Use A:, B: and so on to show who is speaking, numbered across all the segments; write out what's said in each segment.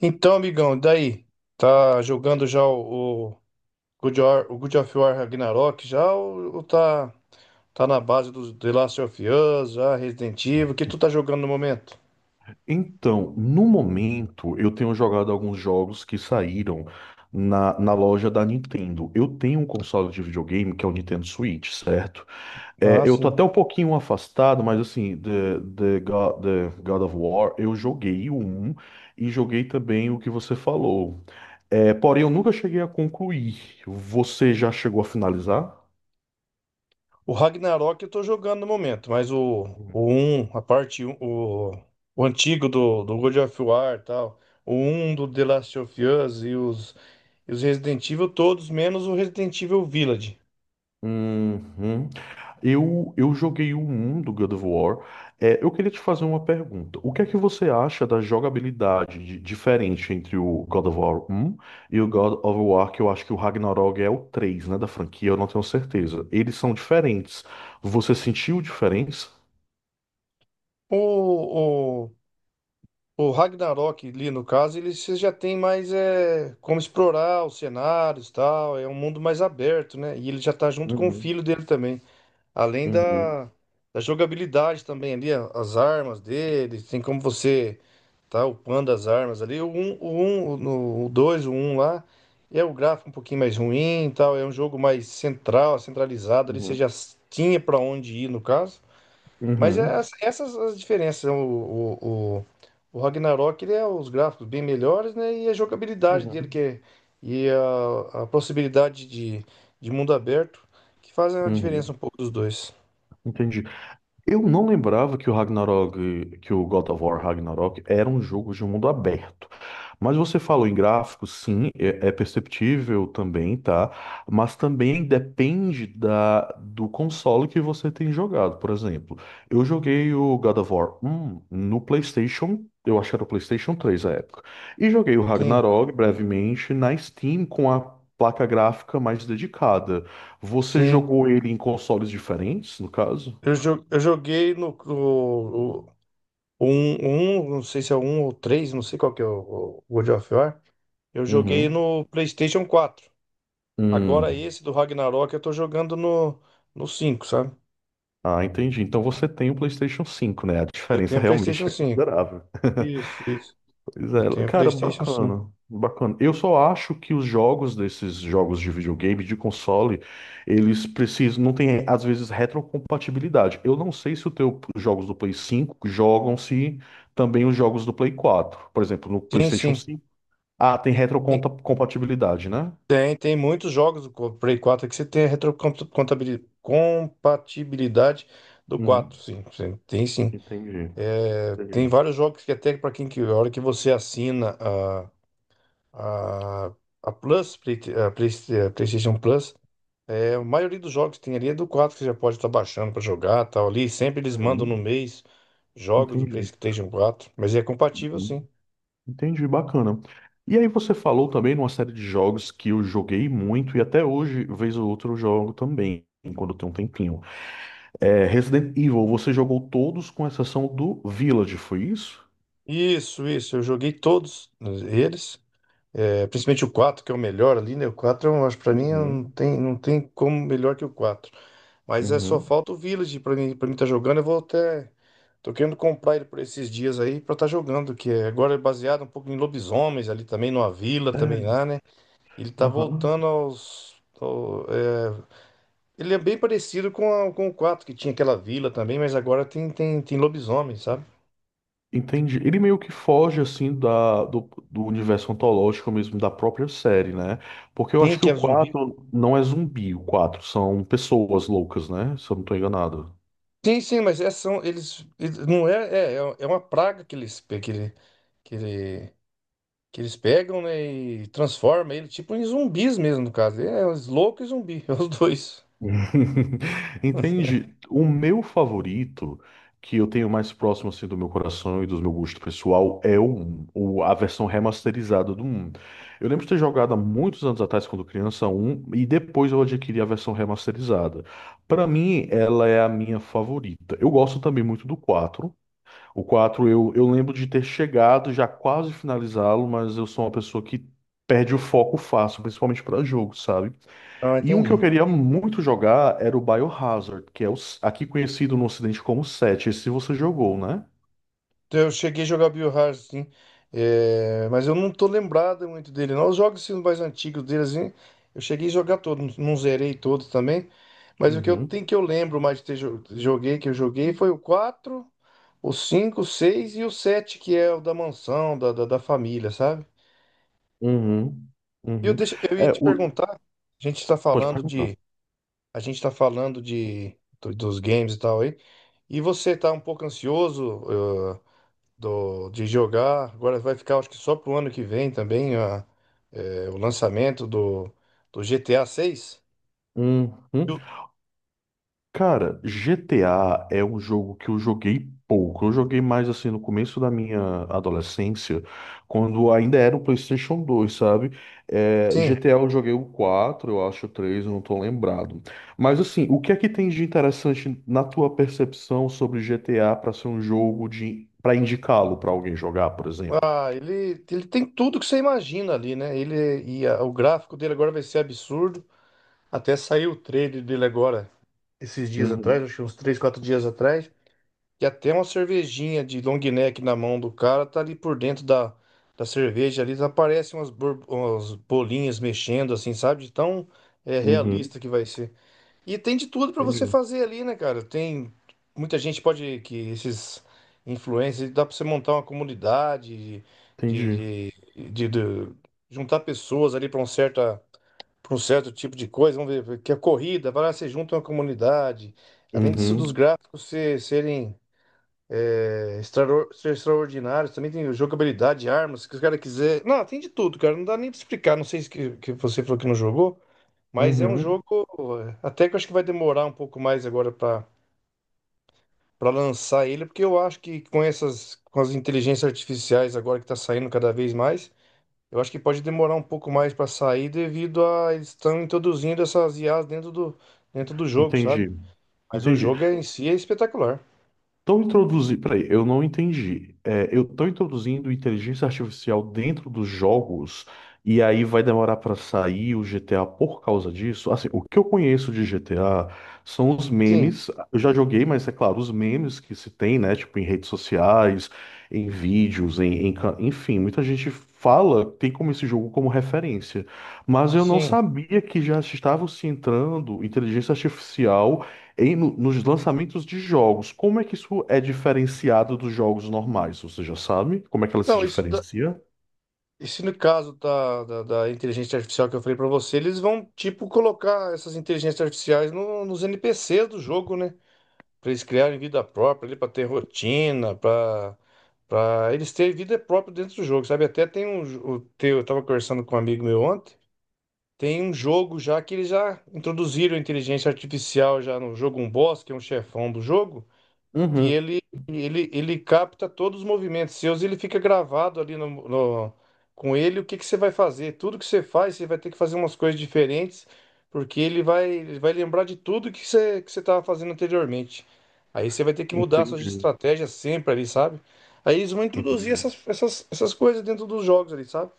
A: Então, amigão, daí? Tá jogando já o o God of War Ragnarok já ou tá na base do The Last of Us, já Resident Evil? O que tu tá jogando no momento?
B: Então, no momento, eu tenho jogado alguns jogos que saíram na loja da Nintendo. Eu tenho um console de videogame que é o Nintendo Switch, certo?
A: Ah,
B: Eu tô
A: sim.
B: até um pouquinho afastado, mas assim, The God of War, eu joguei o 1 e joguei também o que você falou. Porém, eu nunca cheguei a concluir. Você já chegou a finalizar?
A: O Ragnarok eu tô jogando no momento, mas o,
B: Uhum.
A: o 1, a parte 1, o antigo do God of War e tal, o um do The Last of Us e os Resident Evil todos, menos o Resident Evil Village.
B: Uhum. Eu joguei o 1 do God of War. Eu queria te fazer uma pergunta. O que é que você acha da diferente entre o God of War um e o God of War, que eu acho que o Ragnarok é o 3, né, da franquia, eu não tenho certeza. Eles são diferentes. Você sentiu diferença?
A: O, O Ragnarok ali, no caso, ele você já tem mais é, como explorar os cenários e tal. É um mundo mais aberto, né? E ele já tá junto com o
B: Uhum.
A: filho dele também. Além
B: Uhum.
A: da jogabilidade também ali, as armas dele, tem como você tá upando as armas ali. O um, o no- o 2, o 1 lá, é o gráfico um pouquinho mais ruim e tal. É um jogo mais central, centralizado ali. Você
B: Uhum.
A: já tinha pra onde ir, no caso. Mas é
B: Uhum.
A: essas as diferenças. O Ragnarok, ele é os gráficos bem melhores, né? E a jogabilidade dele, que
B: Uhum.
A: é, e a possibilidade de mundo aberto, que fazem a diferença
B: Uhum.
A: um pouco dos dois.
B: Entendi. Eu não lembrava que o Ragnarok, que o God of War Ragnarok era um jogo de mundo aberto. Mas você falou em gráficos, sim, é, é perceptível também, tá? Mas também depende da, do console que você tem jogado. Por exemplo, eu joguei o God of War 1 no PlayStation, eu acho que era o PlayStation 3 à época, e joguei o
A: Sim,
B: Ragnarok brevemente na Steam com a placa gráfica mais dedicada. Você
A: sim.
B: jogou ele em consoles diferentes, no caso?
A: Eu joguei um, um, não sei se é o um ou três, não sei qual que é o God of War. Eu joguei
B: Uhum.
A: no PlayStation quatro. Agora
B: Hum.
A: esse do Ragnarok eu tô jogando no cinco, sabe?
B: Ah, entendi. Então você tem o PlayStation cinco, né? A
A: Eu
B: diferença
A: tenho PlayStation
B: realmente é
A: cinco.
B: considerável.
A: Isso, isso.
B: Pois
A: Eu
B: é,
A: tenho
B: cara,
A: PlayStation 5.
B: bacana. Bacana. Eu só acho que os jogos desses jogos de videogame, de console, eles precisam, não tem, às vezes, retrocompatibilidade. Eu não sei se o teu, os jogos do Play cinco jogam-se também os jogos do Play quatro. Por exemplo, no
A: Sim,
B: PlayStation
A: sim.
B: cinco. Ah, tem retrocompatibilidade, né?
A: Tem muitos jogos do Play 4 que você tem a retrocompatibilidade do quatro,
B: Uhum.
A: sim. Sim, tem, sim.
B: Entendi.
A: É, tem
B: Entendi.
A: vários jogos que até para quem que a hora que você assina a, a, a Plus, a PlayStation Plus, é, a maioria dos jogos que tem ali é do 4 que você já pode estar baixando para jogar, tal ali. Sempre eles mandam no
B: Uhum.
A: mês jogos do
B: Entendi.
A: PlayStation quatro, mas é compatível,
B: Uhum.
A: sim.
B: Entendi, bacana. E aí você falou também numa série de jogos que eu joguei muito e até hoje, vez ou outra, eu jogo também, quando tem um tempinho. É, Resident Evil, você jogou todos com exceção do Village, foi isso?
A: Isso, isso. Eu joguei todos eles, é, principalmente o 4 que é o melhor ali, né? O 4. Eu acho, pra mim, não
B: Uhum.
A: tem, não tem como melhor que o 4. Mas é só
B: Uhum.
A: falta o Village pra mim tá jogando. Eu vou até. Tô querendo comprar ele por esses dias aí pra tá jogando, agora é baseado um pouco em lobisomens ali também, numa vila também
B: É,
A: lá, né? Ele tá
B: aham.
A: voltando aos. ao- é, Ele é bem parecido com o 4 que tinha aquela vila também, mas agora tem lobisomens, sabe?
B: Entendi. Ele meio que foge assim do do, universo ontológico mesmo da própria série, né? Porque eu
A: Tem
B: acho que
A: que
B: o
A: é zumbi.
B: 4 não é zumbi, o 4 são pessoas loucas, né? Se eu não tô enganado.
A: Sim, sim, mas é, são, não é uma praga que eles, pe- que ele, que ele, que eles pegam, né, e transforma ele tipo em zumbis mesmo, no caso. É, os loucos e zumbi, é os dois.
B: Entende? O meu favorito, que eu tenho mais próximo assim do meu coração e do meu gosto pessoal, é 1, a versão remasterizada do 1. Eu lembro de ter jogado há muitos anos atrás, quando criança, um e depois eu adquiri a versão remasterizada. Pra mim, ela é a minha favorita. Eu gosto também muito do 4. O 4 eu lembro de ter chegado, já quase finalizá-lo, mas eu sou uma pessoa que perde o foco fácil, principalmente pra jogo, sabe?
A: Ah,
B: E um que eu
A: entendi.
B: queria muito jogar era o Biohazard, que é o, aqui conhecido no Ocidente como Sete. Esse você jogou, né?
A: Então, eu cheguei a jogar Biohazard, sim. É, mas eu não tô lembrado muito dele, não. Os jogos assim, mais antigos dele, assim, eu cheguei a jogar todos, não zerei todos também. Mas o que eu
B: Uhum,
A: tenho que eu lembro mais de ter joguei, que eu joguei, foi o 4, o 5, o 6 e o 7 que é o da mansão, da família, sabe?
B: uhum,
A: E eu,
B: uhum.
A: deixo, eu ia
B: É,
A: te
B: o,
A: perguntar, a gente está
B: pode
A: falando
B: perguntar.
A: de. A gente tá falando dos games e tal aí. E você tá um pouco ansioso de jogar. Agora vai ficar, acho que só pro ano que vem também, o lançamento do GTA 6.
B: Uhum. Cara, GTA é um jogo que eu joguei pouco. Eu joguei mais assim no começo da minha adolescência, quando ainda era o PlayStation 2, sabe? É,
A: Sim.
B: GTA eu joguei o 4, eu acho o 3, eu não tô lembrado. Mas assim, o que é que tem de interessante na tua percepção sobre GTA para ser um jogo de para indicá-lo para alguém jogar, por exemplo?
A: Ah, ele tem tudo que você imagina ali, né? O gráfico dele agora vai ser absurdo. Até saiu o trailer dele agora, esses dias atrás,
B: Uhum,
A: acho que uns 3 4 dias atrás. E até uma cervejinha de long neck na mão do cara tá ali por dentro da cerveja ali. Aparecem umas bolinhas mexendo, assim, sabe? De tão
B: uhum,
A: realista que vai ser. E tem de tudo pra você
B: entendi,
A: fazer ali, né, cara? Tem muita gente pode que esses influencers dá pra você montar uma comunidade
B: entendi.
A: de, de, de juntar pessoas ali pra um certo para um certo tipo de coisa. Vamos ver que a corrida, vai lá, você junta uma comunidade. Além disso,
B: Uhum,
A: dos gráficos ser extraordinários, também tem jogabilidade, armas, se os caras quiser. Não, tem de tudo, cara. Não dá nem pra explicar. Não sei se que você falou que não jogou. Mas é um
B: uhum,
A: jogo até que eu acho que vai demorar um pouco mais agora para lançar ele, porque eu acho que com as inteligências artificiais agora que tá saindo cada vez mais, eu acho que pode demorar um pouco mais para sair devido a eles estão introduzindo essas IAs dentro do jogo, sabe?
B: entendi.
A: Mas o
B: Entendi.
A: jogo em si é espetacular.
B: Estão introduzindo. Peraí, eu não entendi. É, eu estou introduzindo inteligência artificial dentro dos jogos e aí vai demorar para sair o GTA por causa disso? Assim, o que eu conheço de GTA são os
A: Sim,
B: memes. Eu já joguei, mas é claro, os memes que se tem, né? Tipo, em redes sociais, em vídeos, em, em enfim, muita gente fala, tem como esse jogo como referência. Mas eu não
A: sim.
B: sabia que já estava se entrando inteligência artificial. Nos lançamentos de jogos, como é que isso é diferenciado dos jogos normais? Você já sabe? Como é que ela se
A: Não,
B: diferencia?
A: isso no caso da inteligência artificial que eu falei pra você, eles vão tipo colocar essas inteligências artificiais nos NPCs do jogo, né? Para eles criarem vida própria, ali para ter rotina, para eles terem vida própria dentro do jogo, sabe? Até tem o teu, eu tava conversando com um amigo meu ontem, tem um jogo já que eles já introduziram inteligência artificial já no jogo, um boss, que é um chefão do jogo que
B: Uhum.
A: ele capta todos os movimentos seus e ele fica gravado ali com ele o que que você vai fazer. Tudo que você faz, você vai ter que fazer umas coisas diferentes, porque ele vai lembrar de tudo que você estava fazendo anteriormente. Aí você vai ter que mudar suas
B: Entendi,
A: estratégias sempre ali, sabe? Aí eles vão introduzir
B: entendi.
A: essas coisas dentro dos jogos ali, sabe?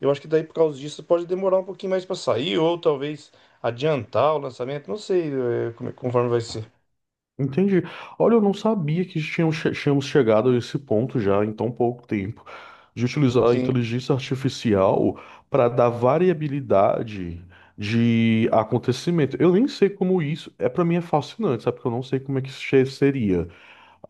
A: Eu acho que daí por causa disso pode demorar um pouquinho mais para sair, ou talvez adiantar o lançamento, não sei, conforme vai ser.
B: Entendi. Olha, eu não sabia que tínhamos, tínhamos chegado a esse ponto já em tão pouco tempo, de utilizar a
A: Sim,
B: inteligência artificial para dar variabilidade de acontecimento. Eu nem sei como isso, é, para mim é fascinante, sabe? Porque eu não sei como é que isso seria.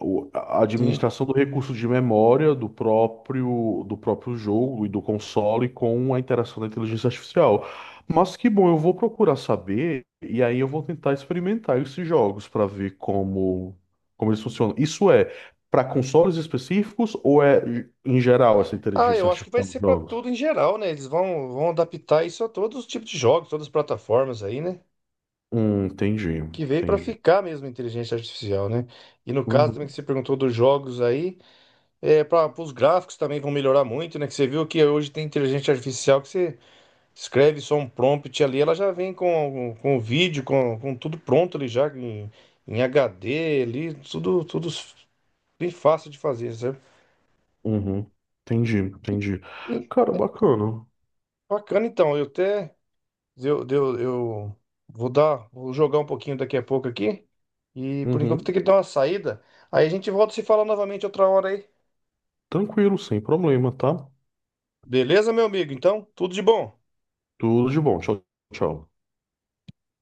B: A
A: sim.
B: administração do recurso de memória do próprio jogo e do console com a interação da inteligência artificial. Mas que bom, eu vou procurar saber e aí eu vou tentar experimentar esses jogos para ver como, como eles funcionam. Isso é para consoles específicos ou é em geral essa
A: Ah,
B: inteligência
A: eu acho que vai
B: artificial nos
A: ser pra
B: jogos?
A: tudo em geral, né? Eles vão adaptar isso a todos os tipos de jogos, todas as plataformas aí, né?
B: Entendi,
A: Que veio pra
B: entendi.
A: ficar mesmo a inteligência artificial, né? E no caso também que
B: Uhum,
A: você perguntou dos jogos aí, é, para os gráficos também vão melhorar muito, né? Que você viu que hoje tem inteligência artificial que você escreve só um prompt ali, ela já vem com o vídeo, com tudo pronto ali já, em HD ali, tudo bem fácil de fazer, sabe?
B: uhum. Entendi, entendi.
A: E
B: Cara, bacana.
A: bacana então, eu até. Eu vou jogar um pouquinho daqui a pouco aqui. E por enquanto tem
B: Uhum.
A: que dar uma saída. Aí a gente volta a se falar novamente outra hora aí.
B: Tranquilo, sem problema, tá?
A: Beleza, meu amigo? Então, tudo de bom.
B: Tudo de bom. Tchau, tchau.